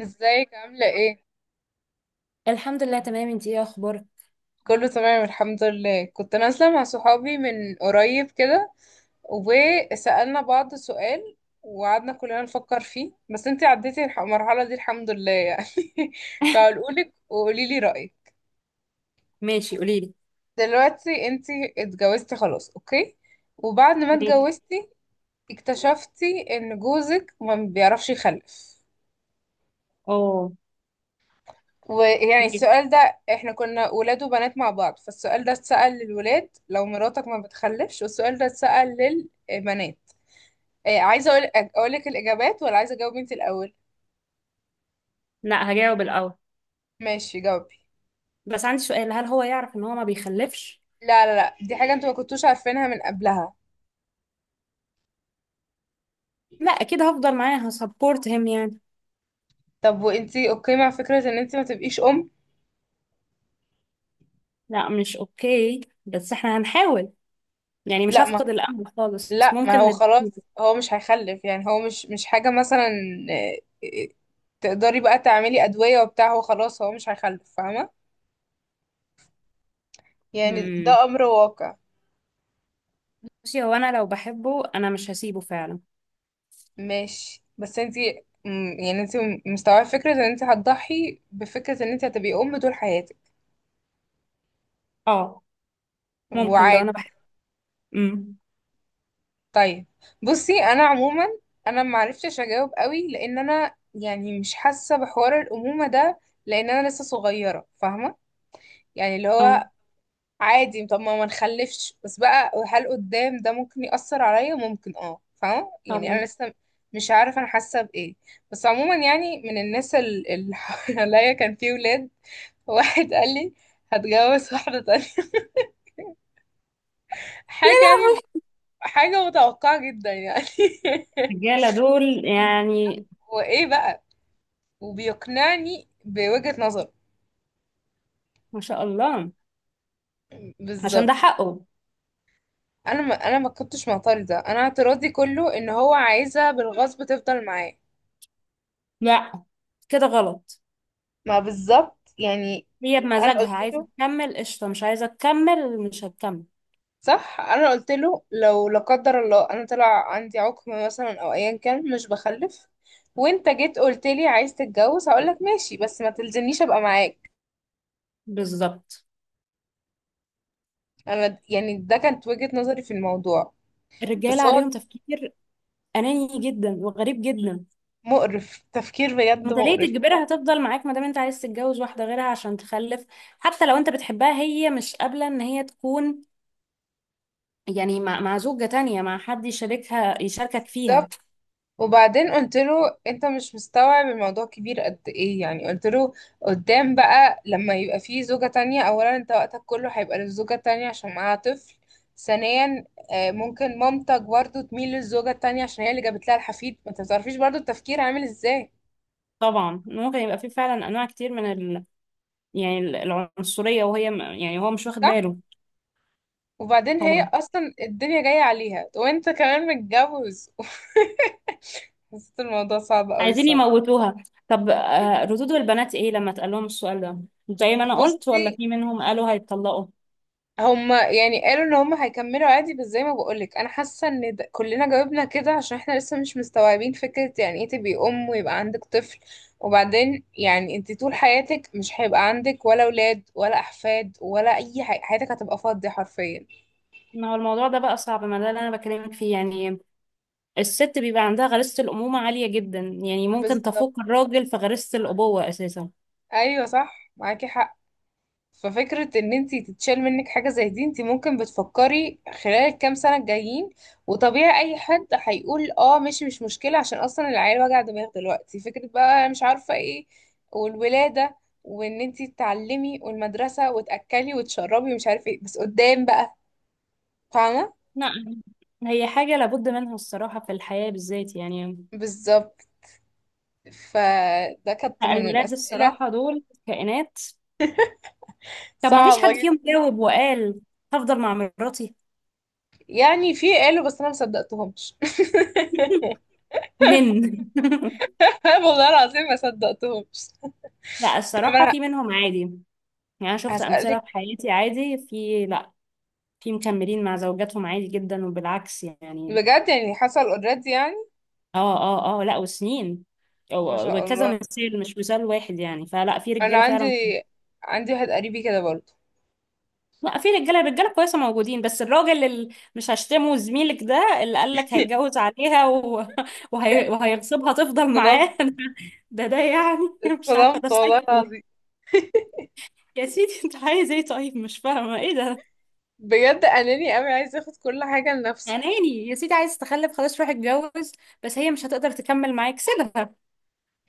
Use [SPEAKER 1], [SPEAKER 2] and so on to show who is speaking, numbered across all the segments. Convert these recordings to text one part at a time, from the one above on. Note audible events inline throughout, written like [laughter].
[SPEAKER 1] ازيك عاملة ايه؟
[SPEAKER 2] الحمد لله تمام، انتي ايه اخبارك؟
[SPEAKER 1] كله تمام الحمد لله. كنت نازلة مع صحابي من قريب كده، وسألنا بعض سؤال، وقعدنا كلنا نفكر فيه. بس انتي عديتي المرحلة دي الحمد لله يعني. [laughs]
[SPEAKER 2] [laughs]
[SPEAKER 1] فهقولك وقولي لي رأيك.
[SPEAKER 2] ماشي قولي لي.
[SPEAKER 1] دلوقتي انتي اتجوزتي خلاص، اوكي، وبعد ما
[SPEAKER 2] ماشي.
[SPEAKER 1] اتجوزتي اكتشفتي ان جوزك ما بيعرفش يخلف.
[SPEAKER 2] اه
[SPEAKER 1] ويعني
[SPEAKER 2] ماشي.
[SPEAKER 1] السؤال ده، احنا كنا ولاد وبنات مع بعض، فالسؤال ده اتسأل للولاد: لو مراتك ما بتخلفش؟ والسؤال ده اتسأل للبنات. إيه، عايزة اقولك الإجابات، ولا عايزة اجاوب انت الأول؟
[SPEAKER 2] لا هجاوب الاول،
[SPEAKER 1] ماشي جاوبي.
[SPEAKER 2] بس عندي سؤال، هل هو يعرف ان هو ما بيخلفش؟
[SPEAKER 1] لا لا لا، دي حاجة انتوا ما كنتوش عارفينها من قبلها.
[SPEAKER 2] لا اكيد هفضل معاه، هسبورت هيم يعني.
[SPEAKER 1] طب وانتي اوكي مع فكرة ان انتي ما تبقيش أم؟
[SPEAKER 2] لا مش اوكي بس احنا هنحاول، يعني مش
[SPEAKER 1] لا ما
[SPEAKER 2] هفقد الامل خالص،
[SPEAKER 1] لا ما
[SPEAKER 2] ممكن
[SPEAKER 1] هو خلاص،
[SPEAKER 2] نديله.
[SPEAKER 1] هو مش هيخلف، يعني هو مش حاجة مثلا، إيه، تقدري بقى تعملي أدوية وبتاع. هو خلاص، هو مش هيخلف فاهمة؟ يعني
[SPEAKER 2] امم،
[SPEAKER 1] ده أمر واقع.
[SPEAKER 2] بصي هو انا لو بحبه انا مش هسيبه فعلا.
[SPEAKER 1] ماشي، بس انتي يعني انتي مستوعبة فكرة ان انتي هتضحي بفكرة ان انتي هتبقي ام طول حياتك،
[SPEAKER 2] اه ممكن لو
[SPEAKER 1] وعادي؟
[SPEAKER 2] انا بحبه. امم.
[SPEAKER 1] طيب، بصي، انا عموما انا معرفتش اجاوب قوي، لان انا يعني مش حاسة بحوار الامومة ده، لان انا لسه صغيرة فاهمة؟ يعني اللي
[SPEAKER 2] اه
[SPEAKER 1] هو عادي، طب ما نخلفش بس بقى، هل قدام ده ممكن يأثر عليا؟ ممكن، اه، فاهمة يعني؟ انا
[SPEAKER 2] طبعا.
[SPEAKER 1] لسه مش عارفة انا حاسة بايه. بس عموما يعني من الناس اللي [laughs] حواليا كان في ولاد. واحد قال لي هتجوز واحدة تانية،
[SPEAKER 2] يا
[SPEAKER 1] حاجة يعني،
[SPEAKER 2] لهوي
[SPEAKER 1] حاجة متوقعة جدا يعني.
[SPEAKER 2] الرجاله دول يعني.
[SPEAKER 1] [laughs] وإيه بقى؟ وبيقنعني بوجهة نظره.
[SPEAKER 2] ما شاء الله. عشان ده
[SPEAKER 1] بالظبط.
[SPEAKER 2] حقه.
[SPEAKER 1] أنا ما كنتش معترضة، أنا اعتراضي كله إن هو عايزها بالغصب تفضل معاه.
[SPEAKER 2] لا كده غلط.
[SPEAKER 1] ما بالظبط يعني.
[SPEAKER 2] هي
[SPEAKER 1] أنا
[SPEAKER 2] بمزاجها
[SPEAKER 1] قلت
[SPEAKER 2] عايزة
[SPEAKER 1] له،
[SPEAKER 2] تكمل قشطة، مش عايزة تكمل مش هتكمل.
[SPEAKER 1] صح أنا قلت له، لو لا قدر الله أنا طلع عندي عقم مثلا أو أيا كان مش بخلف، وانت جيت قلت لي عايز تتجوز، هقولك ماشي بس ما تلزمنيش ابقى معاك.
[SPEAKER 2] بالظبط.
[SPEAKER 1] انا يعني ده كانت وجهة نظري في الموضوع.
[SPEAKER 2] الرجالة
[SPEAKER 1] بس هو
[SPEAKER 2] عليهم تفكير أناني جدا وغريب جدا.
[SPEAKER 1] مقرف تفكير، بجد
[SPEAKER 2] انت ليه
[SPEAKER 1] مقرف.
[SPEAKER 2] تجبرها تفضل معاك ما دام انت عايز تتجوز واحدة غيرها عشان تخلف؟ حتى لو انت بتحبها، هي مش قابلة ان هي تكون، يعني مع زوجة تانية، مع حد يشاركها يشاركك فيها.
[SPEAKER 1] بالظبط. وبعدين قلت له انت مش مستوعب الموضوع كبير قد ايه يعني. قلت له قدام بقى لما يبقى فيه زوجة تانية، اولا انت وقتك كله هيبقى للزوجة التانية عشان معاها طفل. ثانيا ممكن مامتك برضو تميل للزوجة التانية عشان هي اللي جابت لها الحفيد. ما انت بتعرفيش برضو التفكير عامل ازاي.
[SPEAKER 2] طبعا ممكن يبقى في فعلا انواع كتير من ال... يعني العنصرية، وهي م- يعني هو مش واخد باله.
[SPEAKER 1] وبعدين هي
[SPEAKER 2] طبعا
[SPEAKER 1] اصلا الدنيا جايه عليها وانت كمان متجوز. [laughs] حسيت الموضوع صعب قوي
[SPEAKER 2] عايزين
[SPEAKER 1] الصراحه.
[SPEAKER 2] يموتوها. طب آه، ردود البنات ايه لما اتقال لهم السؤال ده؟ زي ما انا قلت ولا
[SPEAKER 1] بصي،
[SPEAKER 2] في منهم قالوا هيتطلقوا؟
[SPEAKER 1] هما يعني قالوا ان هما هيكملوا عادي، بس زي ما بقولك انا حاسه ان ده كلنا جاوبنا كده عشان احنا لسه مش مستوعبين فكره يعني ايه تبقي ام ويبقى عندك طفل. وبعدين يعني انت طول حياتك مش هيبقى عندك ولا اولاد ولا احفاد ولا اي حاجه، حياتك هتبقى فاضيه حرفيا.
[SPEAKER 2] ما هو الموضوع ده بقى صعب، ما ده اللي انا بكلمك فيه يعني. الست بيبقى عندها غريزة الأمومة عالية جدا، يعني ممكن
[SPEAKER 1] بالظبط،
[SPEAKER 2] تفوق الراجل في غريزة الأبوة أساسا.
[SPEAKER 1] ايوه صح، معاكي حق. ففكرة ان انتي تتشال منك حاجة زي دي، انتي ممكن بتفكري خلال الكام سنة الجايين، وطبيعي اي حد هيقول اه ماشي مش مشكلة، عشان اصلا العيال وجع دماغ دلوقتي، فكرة بقى مش عارفة ايه، والولادة، وان انتي تتعلمي، والمدرسة، وتأكلي وتشربي ومش عارفة ايه، بس قدام بقى فاهمة؟
[SPEAKER 2] لا هي حاجة لابد منها الصراحة في الحياة بالذات يعني.
[SPEAKER 1] بالظبط. فده كانت
[SPEAKER 2] لا،
[SPEAKER 1] من
[SPEAKER 2] الولاد
[SPEAKER 1] الأسئلة
[SPEAKER 2] الصراحة دول كائنات. طب ما فيش
[SPEAKER 1] صعبة
[SPEAKER 2] حد
[SPEAKER 1] جدا.
[SPEAKER 2] فيهم جاوب وقال هفضل مع مراتي؟
[SPEAKER 1] يعني في قالوا بس انا ما صدقتهمش. [laughs]
[SPEAKER 2] من [laughs]
[SPEAKER 1] والله العظيم ما صدقتهمش.
[SPEAKER 2] لا
[SPEAKER 1] طب
[SPEAKER 2] الصراحة
[SPEAKER 1] انا
[SPEAKER 2] في منهم عادي، يعني انا شفت امثله
[SPEAKER 1] هسألك.
[SPEAKER 2] في حياتي عادي، في، لا في مكملين مع زوجاتهم عادي جدا وبالعكس يعني.
[SPEAKER 1] بجد يعني حصل اوريدي يعني؟
[SPEAKER 2] اه اه اه لا وسنين. أو-
[SPEAKER 1] ما شاء
[SPEAKER 2] وكذا
[SPEAKER 1] الله.
[SPEAKER 2] مثال مش مثال واحد يعني، فلا في
[SPEAKER 1] انا
[SPEAKER 2] رجاله
[SPEAKER 1] عندي
[SPEAKER 2] فعلا.
[SPEAKER 1] عندي واحد قريبي كده برضه.
[SPEAKER 2] لا في رجاله رجاله كويسه موجودين، بس الراجل اللي مش هشتمه، زميلك ده اللي قال لك
[SPEAKER 1] [laughs]
[SPEAKER 2] هيتجوز عليها و... [laughs] وهي... وهيغصبها تفضل معاه
[SPEAKER 1] اتصدمت،
[SPEAKER 2] [laughs] ده ده يعني مش عارفه
[SPEAKER 1] اتصدمت
[SPEAKER 2] ده
[SPEAKER 1] والله
[SPEAKER 2] سايكو.
[SPEAKER 1] العظيم.
[SPEAKER 2] يا سيدي انت عايز ايه؟ طيب مش فاهمه ايه ده.
[SPEAKER 1] بجد اناني قوي، عايز ياخد كل حاجه لنفسه.
[SPEAKER 2] اناني يا سيدي، عايز تخلف خلاص روح اتجوز، بس هي مش هتقدر تكمل معاك سيبها.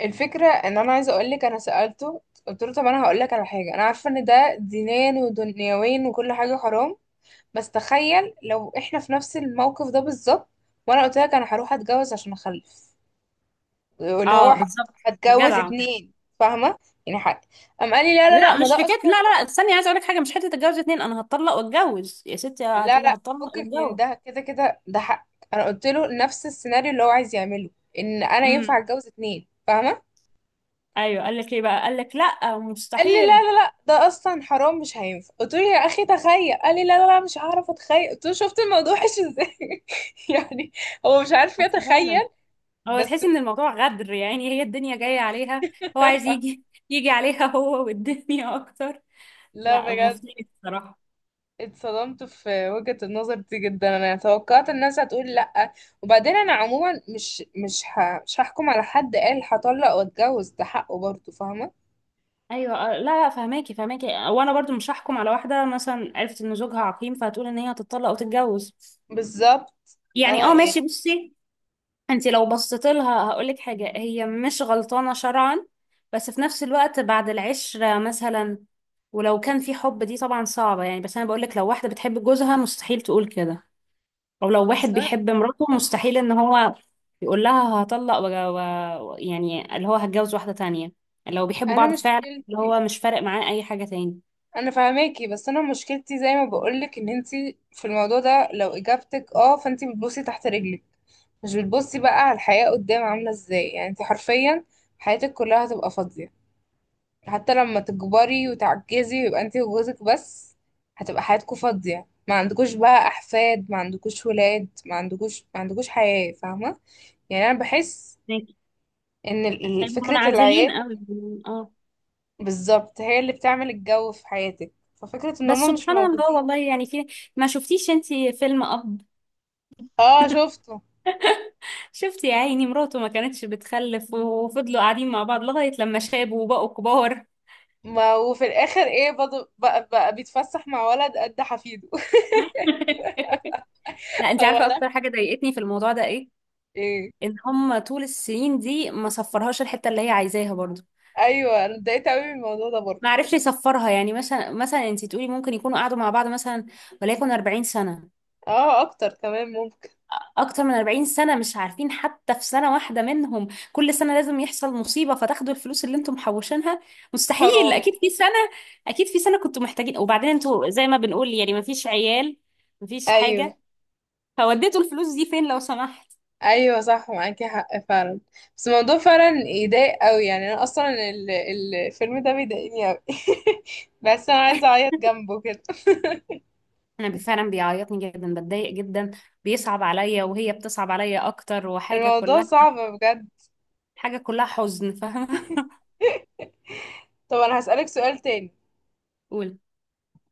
[SPEAKER 1] الفكره ان انا عايزه اقول لك انا سالته. قلت له طب انا هقول لك على حاجه، انا عارفه ان ده دينيا ودنيويا وكل حاجه حرام، بس تخيل لو احنا في نفس الموقف ده بالظبط، وانا قلت لك انا هروح اتجوز عشان اخلف واللي هو
[SPEAKER 2] اه بالظبط
[SPEAKER 1] هتجوز
[SPEAKER 2] جدع.
[SPEAKER 1] اتنين فاهمه؟ يعني حق. قام قال لي لا لا
[SPEAKER 2] لا
[SPEAKER 1] لا، ما
[SPEAKER 2] مش
[SPEAKER 1] ده
[SPEAKER 2] حكايه لا
[SPEAKER 1] اصلا.
[SPEAKER 2] لا لا، استني عايزه اقول لك حاجه، مش حته اتجوز اتنين، انا هتطلق واتجوز، يا ستي
[SPEAKER 1] لا
[SPEAKER 2] هتقولي
[SPEAKER 1] لا،
[SPEAKER 2] هتطلق
[SPEAKER 1] فكك من
[SPEAKER 2] واتجوز.
[SPEAKER 1] ده، كده كده ده حق. انا قلت له نفس السيناريو اللي هو عايز يعمله، ان انا ينفع
[SPEAKER 2] امم.
[SPEAKER 1] اتجوز اتنين فاهمه؟
[SPEAKER 2] ايوه قال لك ايه بقى، قال لك لا
[SPEAKER 1] قال لي لا
[SPEAKER 2] مستحيل؟
[SPEAKER 1] لا لا، ده اصلا حرام، مش هينفع. قلت له يا اخي تخيل. قال لي لا لا لا، مش هعرف اتخيل. قلت له شفت الموضوع وحش ازاي؟ [laughs] يعني هو مش عارف
[SPEAKER 2] بس فعلا
[SPEAKER 1] يتخيل
[SPEAKER 2] هو
[SPEAKER 1] بس.
[SPEAKER 2] تحسي ان الموضوع غدر، يعني هي الدنيا جايه عليها، هو عايز يجي
[SPEAKER 1] [laughs]
[SPEAKER 2] يجي عليها هو والدنيا اكتر.
[SPEAKER 1] لا
[SPEAKER 2] لا
[SPEAKER 1] بجد،
[SPEAKER 2] مفتري الصراحه.
[SPEAKER 1] اتصدمت في وجهة النظر دي جدا. انا توقعت الناس هتقول لا. وبعدين انا عموما مش هحكم على حد قال هطلق واتجوز، ده حقه برضه فاهمه؟
[SPEAKER 2] ايوه آه، لا لا فهماكي فهماكي، وانا برضو مش هحكم على واحده مثلا عرفت ان زوجها عقيم فهتقول ان هي هتطلق او تتجوز.
[SPEAKER 1] بالظبط.
[SPEAKER 2] يعني
[SPEAKER 1] انا
[SPEAKER 2] اه
[SPEAKER 1] يعني،
[SPEAKER 2] ماشي بصي، انت لو بصيت لها هقول لك حاجه، هي مش غلطانه شرعا، بس في نفس الوقت بعد العشره مثلا، ولو كان في حب دي طبعا صعبه يعني. بس انا بقول لك لو واحده بتحب جوزها مستحيل تقول كده، او لو واحد
[SPEAKER 1] بس انا
[SPEAKER 2] بيحب مراته مستحيل ان هو يقول لها هطلق و... و... يعني اللي هو هتجوز واحده تانية، لو بيحبوا
[SPEAKER 1] انا
[SPEAKER 2] بعض فعلا، اللي
[SPEAKER 1] مشكلتي،
[SPEAKER 2] هو مش فارق معاه اي حاجه تاني.
[SPEAKER 1] انا فاهماكي بس انا مشكلتي زي ما بقولك، ان انتي في الموضوع ده لو اجابتك اه فانتي بتبصي تحت رجلك، مش بتبصي بقى على الحياة قدام عاملة ازاي. يعني انتي حرفيا حياتك كلها هتبقى فاضية. حتى لما تكبري وتعجزي ويبقى انتي وجوزك بس، هتبقى حياتكوا فاضية. ما عندكوش بقى احفاد، ما عندكوش ولاد، ما عندكوش حياة فاهمة؟ يعني انا بحس
[SPEAKER 2] ماشي.
[SPEAKER 1] ان
[SPEAKER 2] طيب
[SPEAKER 1] فكرة
[SPEAKER 2] منعزلين
[SPEAKER 1] العيال
[SPEAKER 2] قوي يعني، اه.
[SPEAKER 1] بالظبط هي اللي بتعمل الجو في حياتك، ففكرة ان
[SPEAKER 2] بس
[SPEAKER 1] هما مش
[SPEAKER 2] سبحان الله
[SPEAKER 1] موجودين.
[SPEAKER 2] والله يعني في، ما شفتيش انتي فيلم اب؟
[SPEAKER 1] اه شفته.
[SPEAKER 2] شفتي يا عيني مراته ما كانتش بتخلف، وفضلوا قاعدين مع بعض لغاية لما شابوا وبقوا كبار.
[SPEAKER 1] ما وفي الاخر ايه برضه بقى بيتفسح مع ولد قد حفيده.
[SPEAKER 2] [laughs] لا
[SPEAKER 1] [laughs]
[SPEAKER 2] انتي
[SPEAKER 1] هو
[SPEAKER 2] عارفة
[SPEAKER 1] انا،
[SPEAKER 2] اكتر حاجة ضايقتني في الموضوع ده ايه؟
[SPEAKER 1] ايه؟
[SPEAKER 2] ان هم طول السنين دي ما صفرهاش الحتة اللي هي عايزاها برضو.
[SPEAKER 1] ايوه، انا اتضايقت قوي من الموضوع ده
[SPEAKER 2] ما
[SPEAKER 1] برضه.
[SPEAKER 2] عرفش يصفرها. يعني مثلا مثلا انتي تقولي ممكن يكونوا قعدوا مع بعض مثلا، وليكن 40 سنة،
[SPEAKER 1] اه اكتر كمان ممكن.
[SPEAKER 2] اكتر من 40 سنة مش عارفين، حتى في سنة واحدة منهم كل سنة لازم يحصل مصيبة فتاخدوا الفلوس اللي انتم محوشينها؟ مستحيل
[SPEAKER 1] حرام.
[SPEAKER 2] اكيد في سنة، اكيد في سنة كنتوا محتاجين، وبعدين انتوا زي ما بنقول يعني مفيش عيال، مفيش
[SPEAKER 1] ايوه،
[SPEAKER 2] حاجة، فوديتوا الفلوس دي فين لو سمحت؟
[SPEAKER 1] ايوه صح، معاكي حق فعلا. بس الموضوع فعلا يضايق قوي يعني. انا اصلا الفيلم ده بيضايقني قوي. [laughs] بس انا عايزه
[SPEAKER 2] [laughs]
[SPEAKER 1] اعيط جنبه كده. [laughs]
[SPEAKER 2] انا فعلا بيعيطني جدا، بتضايق جدا، بيصعب عليا وهي بتصعب عليا اكتر، وحاجة
[SPEAKER 1] الموضوع
[SPEAKER 2] كلها،
[SPEAKER 1] صعب بجد.
[SPEAKER 2] حاجة كلها حزن فاهمة.
[SPEAKER 1] طب انا هسألك سؤال تاني.
[SPEAKER 2] [laughs] قول.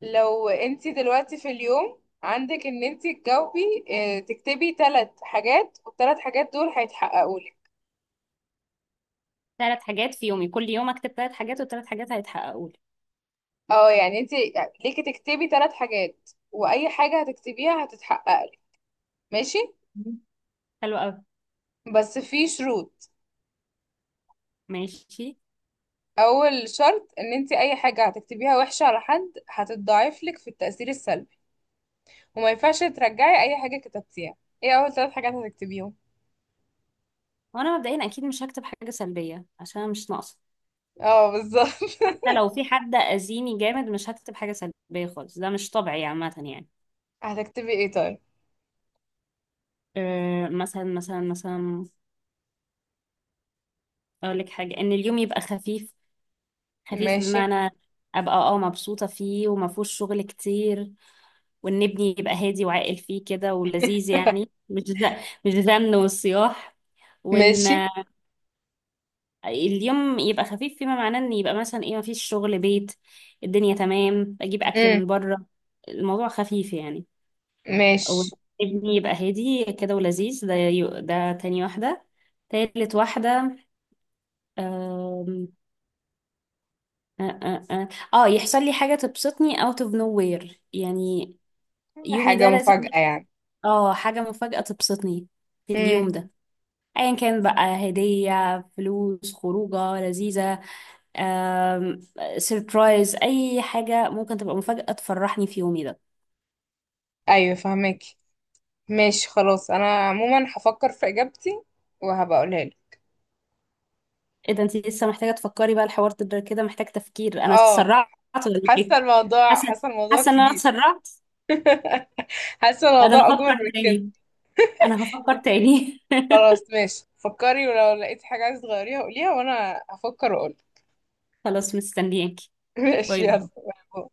[SPEAKER 1] لو انت دلوقتي في اليوم عندك ان انت تجاوبي، تكتبي ثلاث حاجات، والثلاث حاجات دول هيتحققوا لك.
[SPEAKER 2] ثلاث حاجات في يومي كل يوم اكتب ثلاث حاجات والثلاث حاجات هيتحققوا لي؟
[SPEAKER 1] اه يعني انت ليكي تكتبي ثلاث حاجات، واي حاجة هتكتبيها هتتحقق لك. ماشي،
[SPEAKER 2] حلو قوي.
[SPEAKER 1] بس في شروط.
[SPEAKER 2] ماشي.
[SPEAKER 1] اول شرط ان انت اي حاجة هتكتبيها وحشة على حد هتتضاعف لك في التأثير السلبي، وما ينفعش ترجعي اي حاجة كتبتيها. ايه اول ثلاث حاجات هتكتبيهم؟
[SPEAKER 2] وانا مبدئيا اكيد مش هكتب حاجه سلبيه عشان أنا مش ناقصه،
[SPEAKER 1] اه بالظبط.
[SPEAKER 2] حتى لو في حد اذيني جامد مش هكتب حاجه سلبيه خالص، ده مش طبيعي عامه يعني.
[SPEAKER 1] [laughs] هتكتبي ايه طيب؟
[SPEAKER 2] أه مثلا مثلا مثلا، اقول لك حاجه، ان اليوم يبقى خفيف، خفيف
[SPEAKER 1] ماشي.
[SPEAKER 2] بمعنى ابقى اه مبسوطه فيه وما فيهوش شغل كتير، وان ابني يبقى هادي وعاقل فيه كده ولذيذ، يعني مش ز... مش زن والصياح، وان
[SPEAKER 1] ماشي.
[SPEAKER 2] اليوم يبقى خفيف فيما معناه ان يبقى مثلا ايه مفيش شغل بيت، الدنيا تمام اجيب اكل
[SPEAKER 1] امم
[SPEAKER 2] من بره، الموضوع خفيف يعني. او
[SPEAKER 1] ماشي.
[SPEAKER 2] ابني يبقى هادي كده ولذيذ، ده يو- ده تاني واحدة. تالت واحدة، آم، آه, آه, آه, اه يحصل لي حاجة تبسطني out of nowhere يعني، يومي
[SPEAKER 1] حاجة
[SPEAKER 2] ده لازم.
[SPEAKER 1] مفاجأة يعني؟
[SPEAKER 2] اه حاجة مفاجأة تبسطني في اليوم
[SPEAKER 1] امم،
[SPEAKER 2] ده، ايا كان بقى هدية، فلوس، خروجة لذيذة، آم، سيربرايز، اي حاجه ممكن تبقى مفاجاه تفرحني في يومي ده.
[SPEAKER 1] ايوه فهمك. ماشي خلاص، انا عموما هفكر في اجابتي وهبقى اقولها لك.
[SPEAKER 2] ايه ده انت لسه محتاجه تفكري؟ بقى الحوار ده كده محتاج تفكير، انا
[SPEAKER 1] اه.
[SPEAKER 2] اتسرعت ولا ايه؟
[SPEAKER 1] حاسة الموضوع
[SPEAKER 2] حاسه،
[SPEAKER 1] حاسة الموضوع
[SPEAKER 2] حاسه ان انا
[SPEAKER 1] كبير.
[SPEAKER 2] اتسرعت.
[SPEAKER 1] حاسة
[SPEAKER 2] لا ده انا
[SPEAKER 1] الموضوع اكبر
[SPEAKER 2] هفكر
[SPEAKER 1] من كده.
[SPEAKER 2] تاني، انا هفكر تاني. [laughs]
[SPEAKER 1] خلاص ماشي، فكري ولو لقيتي حاجة عايزة تغيريها قوليها، وانا هفكر واقول.
[SPEAKER 2] خلاص مستنياكي.
[SPEAKER 1] [laughs] ماشي
[SPEAKER 2] باي باي.
[SPEAKER 1] يلا.